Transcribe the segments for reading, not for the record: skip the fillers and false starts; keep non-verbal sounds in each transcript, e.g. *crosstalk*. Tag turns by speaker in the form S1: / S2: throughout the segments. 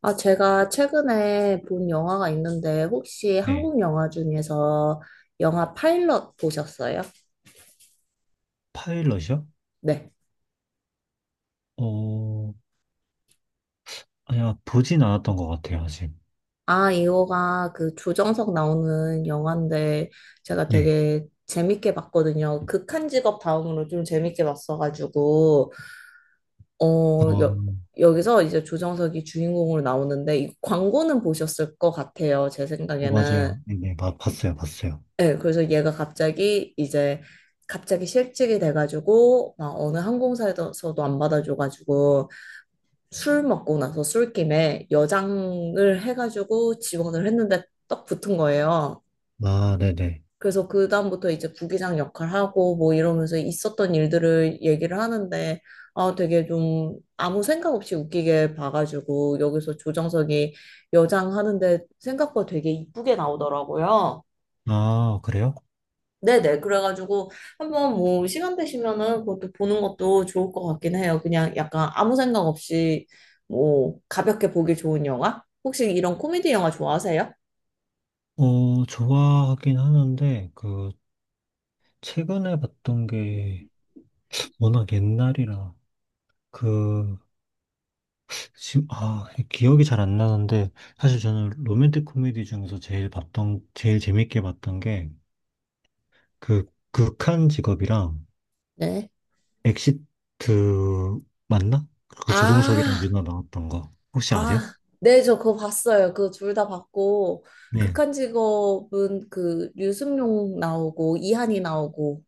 S1: 아, 제가 최근에 본 영화가 있는데, 혹시
S2: 네.
S1: 한국 영화 중에서 영화 파일럿 보셨어요?
S2: 파일럿이요?
S1: 네.
S2: 어, 아니야, 보진 않았던 것 같아요, 아직.
S1: 아, 이거가 그 조정석 나오는 영화인데, 제가
S2: 네.
S1: 되게 재밌게 봤거든요. 극한 직업 다음으로 좀 재밌게 봤어가지고, 어,
S2: 어,
S1: 여, 여기서 이제 조정석이 주인공으로 나오는데, 이 광고는 보셨을 것 같아요. 제 생각에는.
S2: 맞아요. 네, 네, 봤어요, 봤어요.
S1: 네, 그래서 얘가 갑자기 실직이 돼가지고 막 어느 항공사에서도 안 받아줘가지고 술 먹고 나서 술김에 여장을 해가지고 지원을 했는데 딱 붙은 거예요.
S2: 아, 네네.
S1: 그래서 그다음부터 이제 부기장 역할하고 뭐 이러면서 있었던 일들을 얘기를 하는데 아 되게 좀 아무 생각 없이 웃기게 봐가지고 여기서 조정석이 여장하는데 생각보다 되게 이쁘게 나오더라고요.
S2: 아, 그래요?
S1: 네네. 그래가지고 한번 뭐 시간 되시면은 그것도 보는 것도 좋을 것 같긴 해요. 그냥 약간 아무 생각 없이 뭐 가볍게 보기 좋은 영화? 혹시 이런 코미디 영화 좋아하세요?
S2: 좋아하긴 하는데, 최근에 봤던 게 워낙 옛날이라, 그, 지금, 기억이 잘 안 나는데, 사실 저는 로맨틱 코미디 중에서 제일 재밌게 봤던 게, 그, 극한 직업이랑,
S1: 네.
S2: 엑시트 맞나? 그 조종석이랑
S1: 아,
S2: 유나 나왔던 거 혹시 아세요?
S1: 아, 네, 저 그거 봤어요. 그거 둘 다 봤고,
S2: 네,
S1: 극한 직업은 그 유승용 나오고, 이한이 나오고,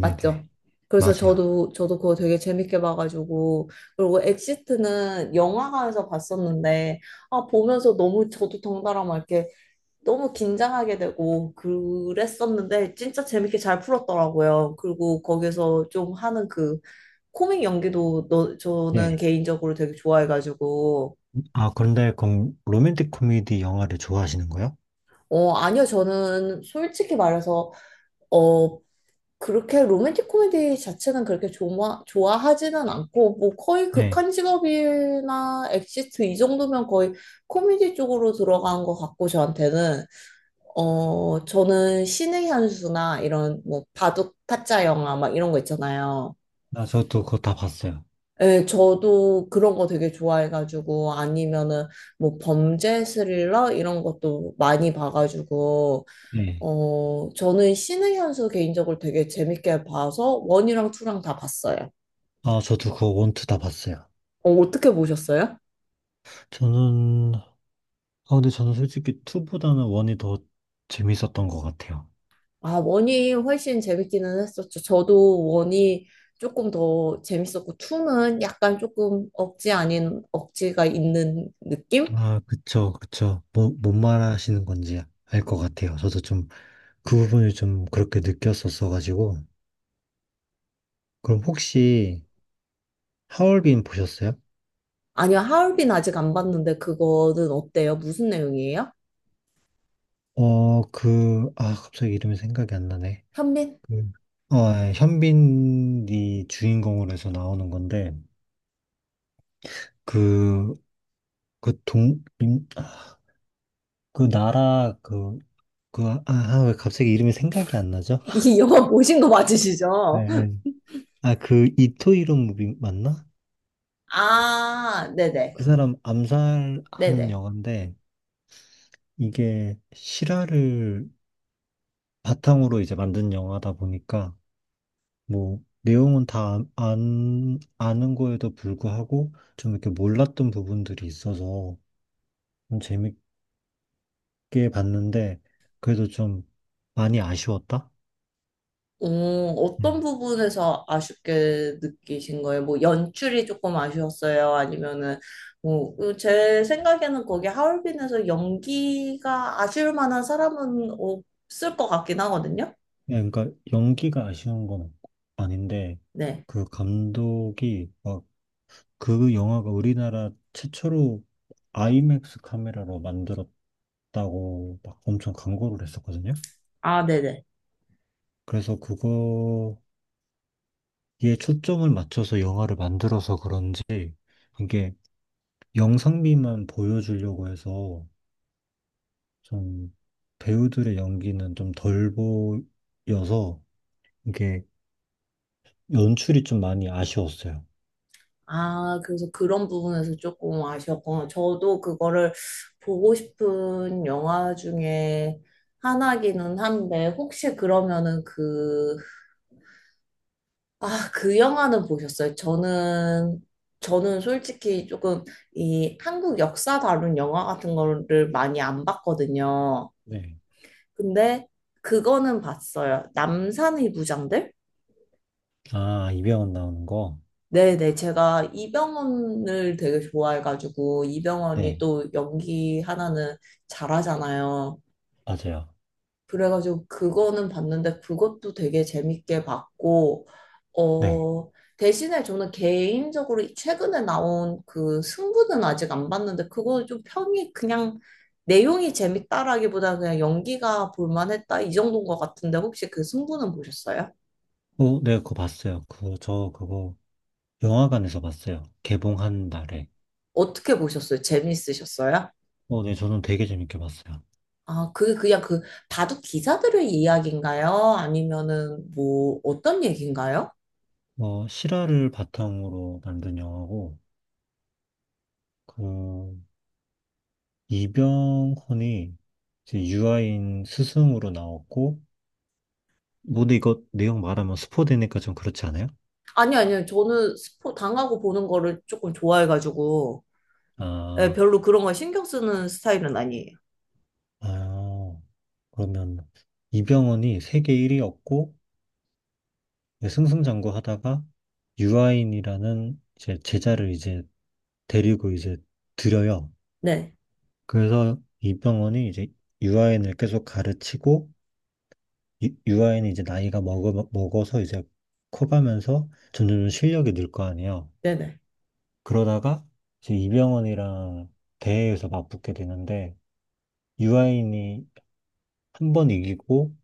S1: 맞죠? 그래서
S2: 맞아요.
S1: 저도 그거 되게 재밌게 봐가지고 그리고 엑시트는 영화관에서 봤었는데 아 보면서 너무 저도 덩달아 막 이렇게 너무 긴장하게 되고 그랬었는데 진짜 재밌게 잘 풀었더라고요. 그리고 거기서 좀 하는 그 코믹 연기도 너, 저는
S2: 네.
S1: 개인적으로 되게 좋아해가지고
S2: 아 그런데 그럼 로맨틱 코미디 영화를 좋아하시는 거예요?
S1: 아니요, 저는 솔직히 말해서 어 그렇게 로맨틱 코미디 자체는 그렇게 좋아하지는 않고, 뭐 거의
S2: 네.
S1: 극한 직업이나 엑시트 이 정도면 거의 코미디 쪽으로 들어간 것 같고, 저한테는. 어, 저는 신의 한수나 이런 뭐 바둑 타짜 영화 막 이런 거 있잖아요.
S2: 아 저도 그거 다 봤어요.
S1: 예, 저도 그런 거 되게 좋아해가지고, 아니면은 뭐 범죄 스릴러 이런 것도 많이 봐가지고,
S2: 네.
S1: 어, 저는 신의 현수 개인적으로 되게 재밌게 봐서 원이랑 투랑 다 봤어요.
S2: 아 저도 그거 원투 다 봤어요.
S1: 어, 어떻게 보셨어요?
S2: 저는 아 근데 저는 솔직히 투보다는 원이 더 재밌었던 것 같아요.
S1: 아, 원이 훨씬 재밌기는 했었죠. 저도 원이 조금 더 재밌었고, 투는 약간 조금 억지 아닌 억지가 있는 느낌?
S2: 아 그쵸 그쵸, 뭐, 뭔 말하시는 건지 알 것 같아요. 저도 좀 그 부분을 좀 그렇게 느꼈었어가지고. 그럼 혹시 하얼빈 보셨어요?
S1: 아니요, 하얼빈 아직 안 봤는데 그거는 어때요? 무슨 내용이에요?
S2: 갑자기 이름이 생각이 안 나네.
S1: 현빈?
S2: 그, 예, 현빈이 주인공으로 해서 나오는 건데, 그, 그 동, 민- 아, 그 나라, 그, 그, 아, 아, 왜 갑자기 이름이 생각이 안
S1: *laughs*
S2: 나죠? *laughs*
S1: 이 영화 보신 거
S2: 예,
S1: 맞으시죠?
S2: 예. 이토이로 무비 맞나?
S1: 아, 네네.
S2: 그 사람 암살하는
S1: 네네.
S2: 영화인데, 이게 실화를 바탕으로 이제 만든 영화다 보니까, 뭐 내용은 다 안, 아는 거에도 불구하고 좀 이렇게 몰랐던 부분들이 있어서 좀 재밌게 봤는데 그래도 좀 많이 아쉬웠다?
S1: 오, 어떤
S2: 음.
S1: 부분에서 아쉽게 느끼신 거예요? 뭐 연출이 조금 아쉬웠어요? 아니면은 뭐, 그제 생각에는 거기 하얼빈에서 연기가 아쉬울 만한 사람은 없을 것 같긴 하거든요.
S2: 그러니까 연기가 아쉬운 건 아닌데
S1: 네.
S2: 그 감독이 막 그 영화가 우리나라 최초로 아이맥스 카메라로 만들었다고 막 엄청 광고를 했었거든요.
S1: 아, 네네.
S2: 그래서 그거... 얘 초점을 맞춰서 영화를 만들어서 그런지 이게 영상미만 보여주려고 해서 좀 배우들의 연기는 좀 덜 보여서 이게 연출이 좀 많이 아쉬웠어요.
S1: 아, 그래서 그런 부분에서 조금 아쉬웠구나. 저도 그거를 보고 싶은 영화 중에 하나기는 한데, 혹시 그러면은 그 아, 그 영화는 보셨어요? 저는 솔직히 조금 이 한국 역사 다룬 영화 같은 거를 많이 안 봤거든요.
S2: 네.
S1: 근데 그거는 봤어요. 남산의 부장들?
S2: 아, 이병헌 나오는 거?
S1: 네네, 제가 이병헌을 되게 좋아해가지고, 이병헌이
S2: 네,
S1: 또 연기 하나는 잘하잖아요.
S2: 맞아요.
S1: 그래가지고 그거는 봤는데 그것도 되게 재밌게 봤고,
S2: 네.
S1: 어, 대신에 저는 개인적으로 최근에 나온 그 승부는 아직 안 봤는데 그거 좀 평이 그냥 내용이 재밌다라기보다 그냥 연기가 볼만했다 이 정도인 것 같은데 혹시 그 승부는 보셨어요?
S2: 네, 그거 봤어요. 저 그거 영화관에서 봤어요. 개봉한 날에.
S1: 어떻게 보셨어요? 재밌으셨어요?
S2: 네, 저는 되게 재밌게 봤어요.
S1: 아, 그게 그냥 그 바둑 기사들의 이야기인가요? 아니면은 뭐 어떤 얘기인가요?
S2: 실화를 바탕으로 만든 영화고, 그, 이병헌이 이제 유아인 스승으로 나왔고, 뭐 근데 이거 내용 말하면 스포되니까 좀 그렇지 않아요?
S1: 아니, 아니요. 저는 스포 당하고 보는 거를 조금 좋아해가지고, 예,
S2: 아,
S1: 별로 그런 거 신경 쓰는 스타일은 아니에요.
S2: 아, 그러면 이병헌이 세계 1위였고, 승승장구하다가 유아인이라는 이제 제자를 이제 데리고 이제 들여요.
S1: 네,
S2: 그래서 이병헌이 이제 유아인을 계속 가르치고 유아인이 이제 나이가 먹어서 이제 커가면서 점점 실력이 늘 거 아니에요.
S1: 네네.
S2: 그러다가 이제 이병헌이랑 대회에서 맞붙게 되는데 유아인이 한 번 이기고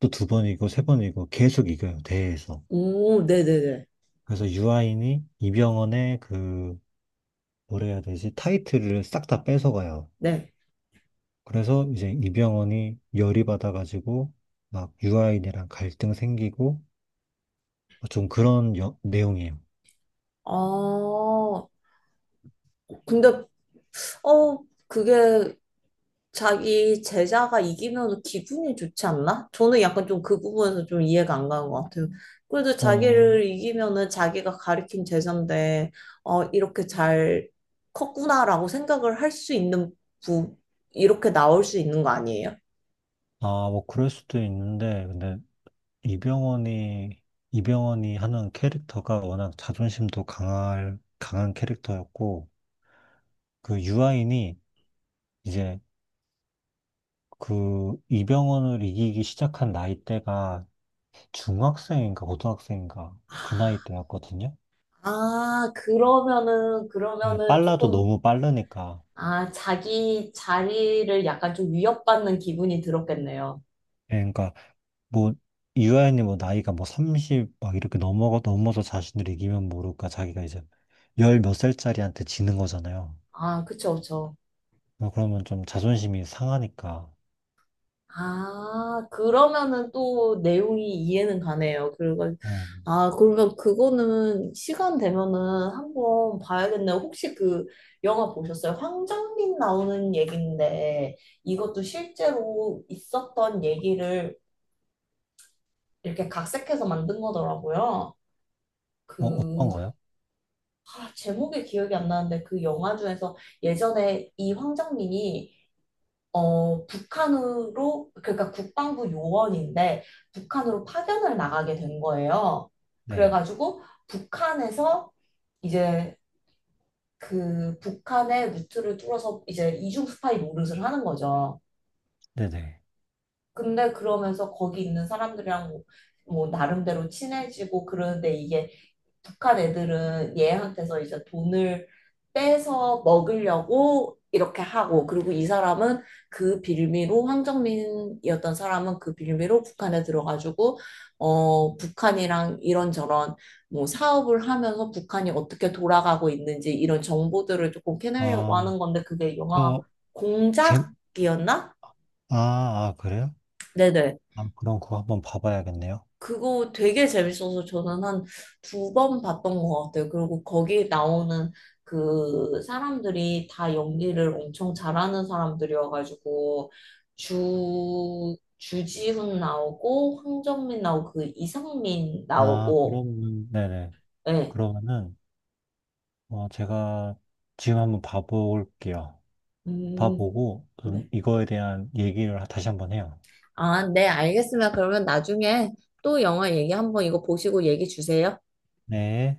S2: 또 두 번 이기고 세 번 이기고 계속 이겨요 대회에서.
S1: 오, 네네네.
S2: 그래서 유아인이 이병헌의 그 뭐라 해야 되지 타이틀을 싹 다 뺏어가요.
S1: 네.
S2: 그래서 이제 이병헌이 열이 받아가지고 막 유아인이랑 갈등 생기고 좀 그런 내용이에요.
S1: 아, 근데, 어, 그게 자기 제자가 이기면 기분이 좋지 않나? 저는 약간 좀 그 부분에서 좀 이해가 안 가는 것 같아요. 그래도
S2: 어,
S1: 자기를 이기면은 자기가 가르친 제자인데, 어, 이렇게 잘 컸구나라고 생각을 할 수 있는 부, 이렇게 나올 수 있는 거 아니에요?
S2: 뭐 그럴 수도 있는데 근데 이병헌이, 이병헌이 하는 캐릭터가 워낙 강한 캐릭터였고, 그 유아인이 이제 그 이병헌을 이기기 시작한 나이대가 중학생인가 고등학생인가 그 나이 때였거든요.
S1: 아, 그러면은,
S2: 예,
S1: 그러면은
S2: 빨라도
S1: 조금,
S2: 너무 빠르니까.
S1: 아, 자기 자리를 약간 좀 위협받는 기분이 들었겠네요.
S2: 예, 그러니까 뭐 유아인이 뭐 나이가 뭐 30 막 이렇게 넘어가 넘어서 자신을 이기면 모를까 자기가 이제 열 몇 살짜리한테 지는 거잖아요.
S1: 아, 그쵸, 그쵸.
S2: 그러면 좀 자존심이 상하니까.
S1: 아, 그러면은 또 내용이 이해는 가네요. 그리고,
S2: 어,
S1: 아, 그러면 그거는 시간 되면은 한번 봐야겠네요. 혹시 그 영화 보셨어요? 황정민 나오는 얘기인데 이것도 실제로 있었던 얘기를 이렇게 각색해서 만든 거더라고요.
S2: 뭐
S1: 그
S2: 어떤 거요?
S1: 아, 제목이 기억이 안 나는데 그 영화 중에서 예전에 이 황정민이 어, 북한으로 그러니까 국방부 요원인데 북한으로 파견을 나가게 된 거예요.
S2: 네,
S1: 그래가지고 북한에서 이제 그 북한의 루트를 뚫어서 이제 이중 스파이 노릇을 하는 거죠.
S2: 네네.
S1: 근데 그러면서 거기 있는 사람들이랑 뭐 나름대로 친해지고 그러는데 이게 북한 애들은 얘한테서 이제 돈을 빼서 먹으려고 이렇게 하고, 그리고 이 사람은 그 빌미로, 황정민이었던 사람은 그 빌미로 북한에 들어가지고, 어, 북한이랑 이런저런 뭐 사업을 하면서 북한이 어떻게 돌아가고 있는지 이런 정보들을 조금 캐내려고
S2: 아,
S1: 하는 건데, 그게 영화
S2: 그거, 제,
S1: 공작이었나?
S2: 그래요?
S1: 네네.
S2: 아, 그럼 그거 한번 봐봐야겠네요.
S1: 그거 되게 재밌어서 저는 한 두 번 봤던 것 같아요. 그리고 거기 나오는 그 사람들이 다 연기를 엄청 잘하는 사람들이어가지고 주 주지훈 나오고 황정민 나오고 그 이상민
S2: 아,
S1: 나오고
S2: 그러면, 네네.
S1: 네.
S2: 그러면은, 제가 지금 한번 봐볼게요.
S1: 음,
S2: 봐보고, 좀
S1: 네.
S2: 이거에 대한 얘기를 다시 한번 해요.
S1: 아, 네, 알겠습니다. 그러면 나중에 또 영화 얘기 한번 이거 보시고 얘기 주세요.
S2: 네.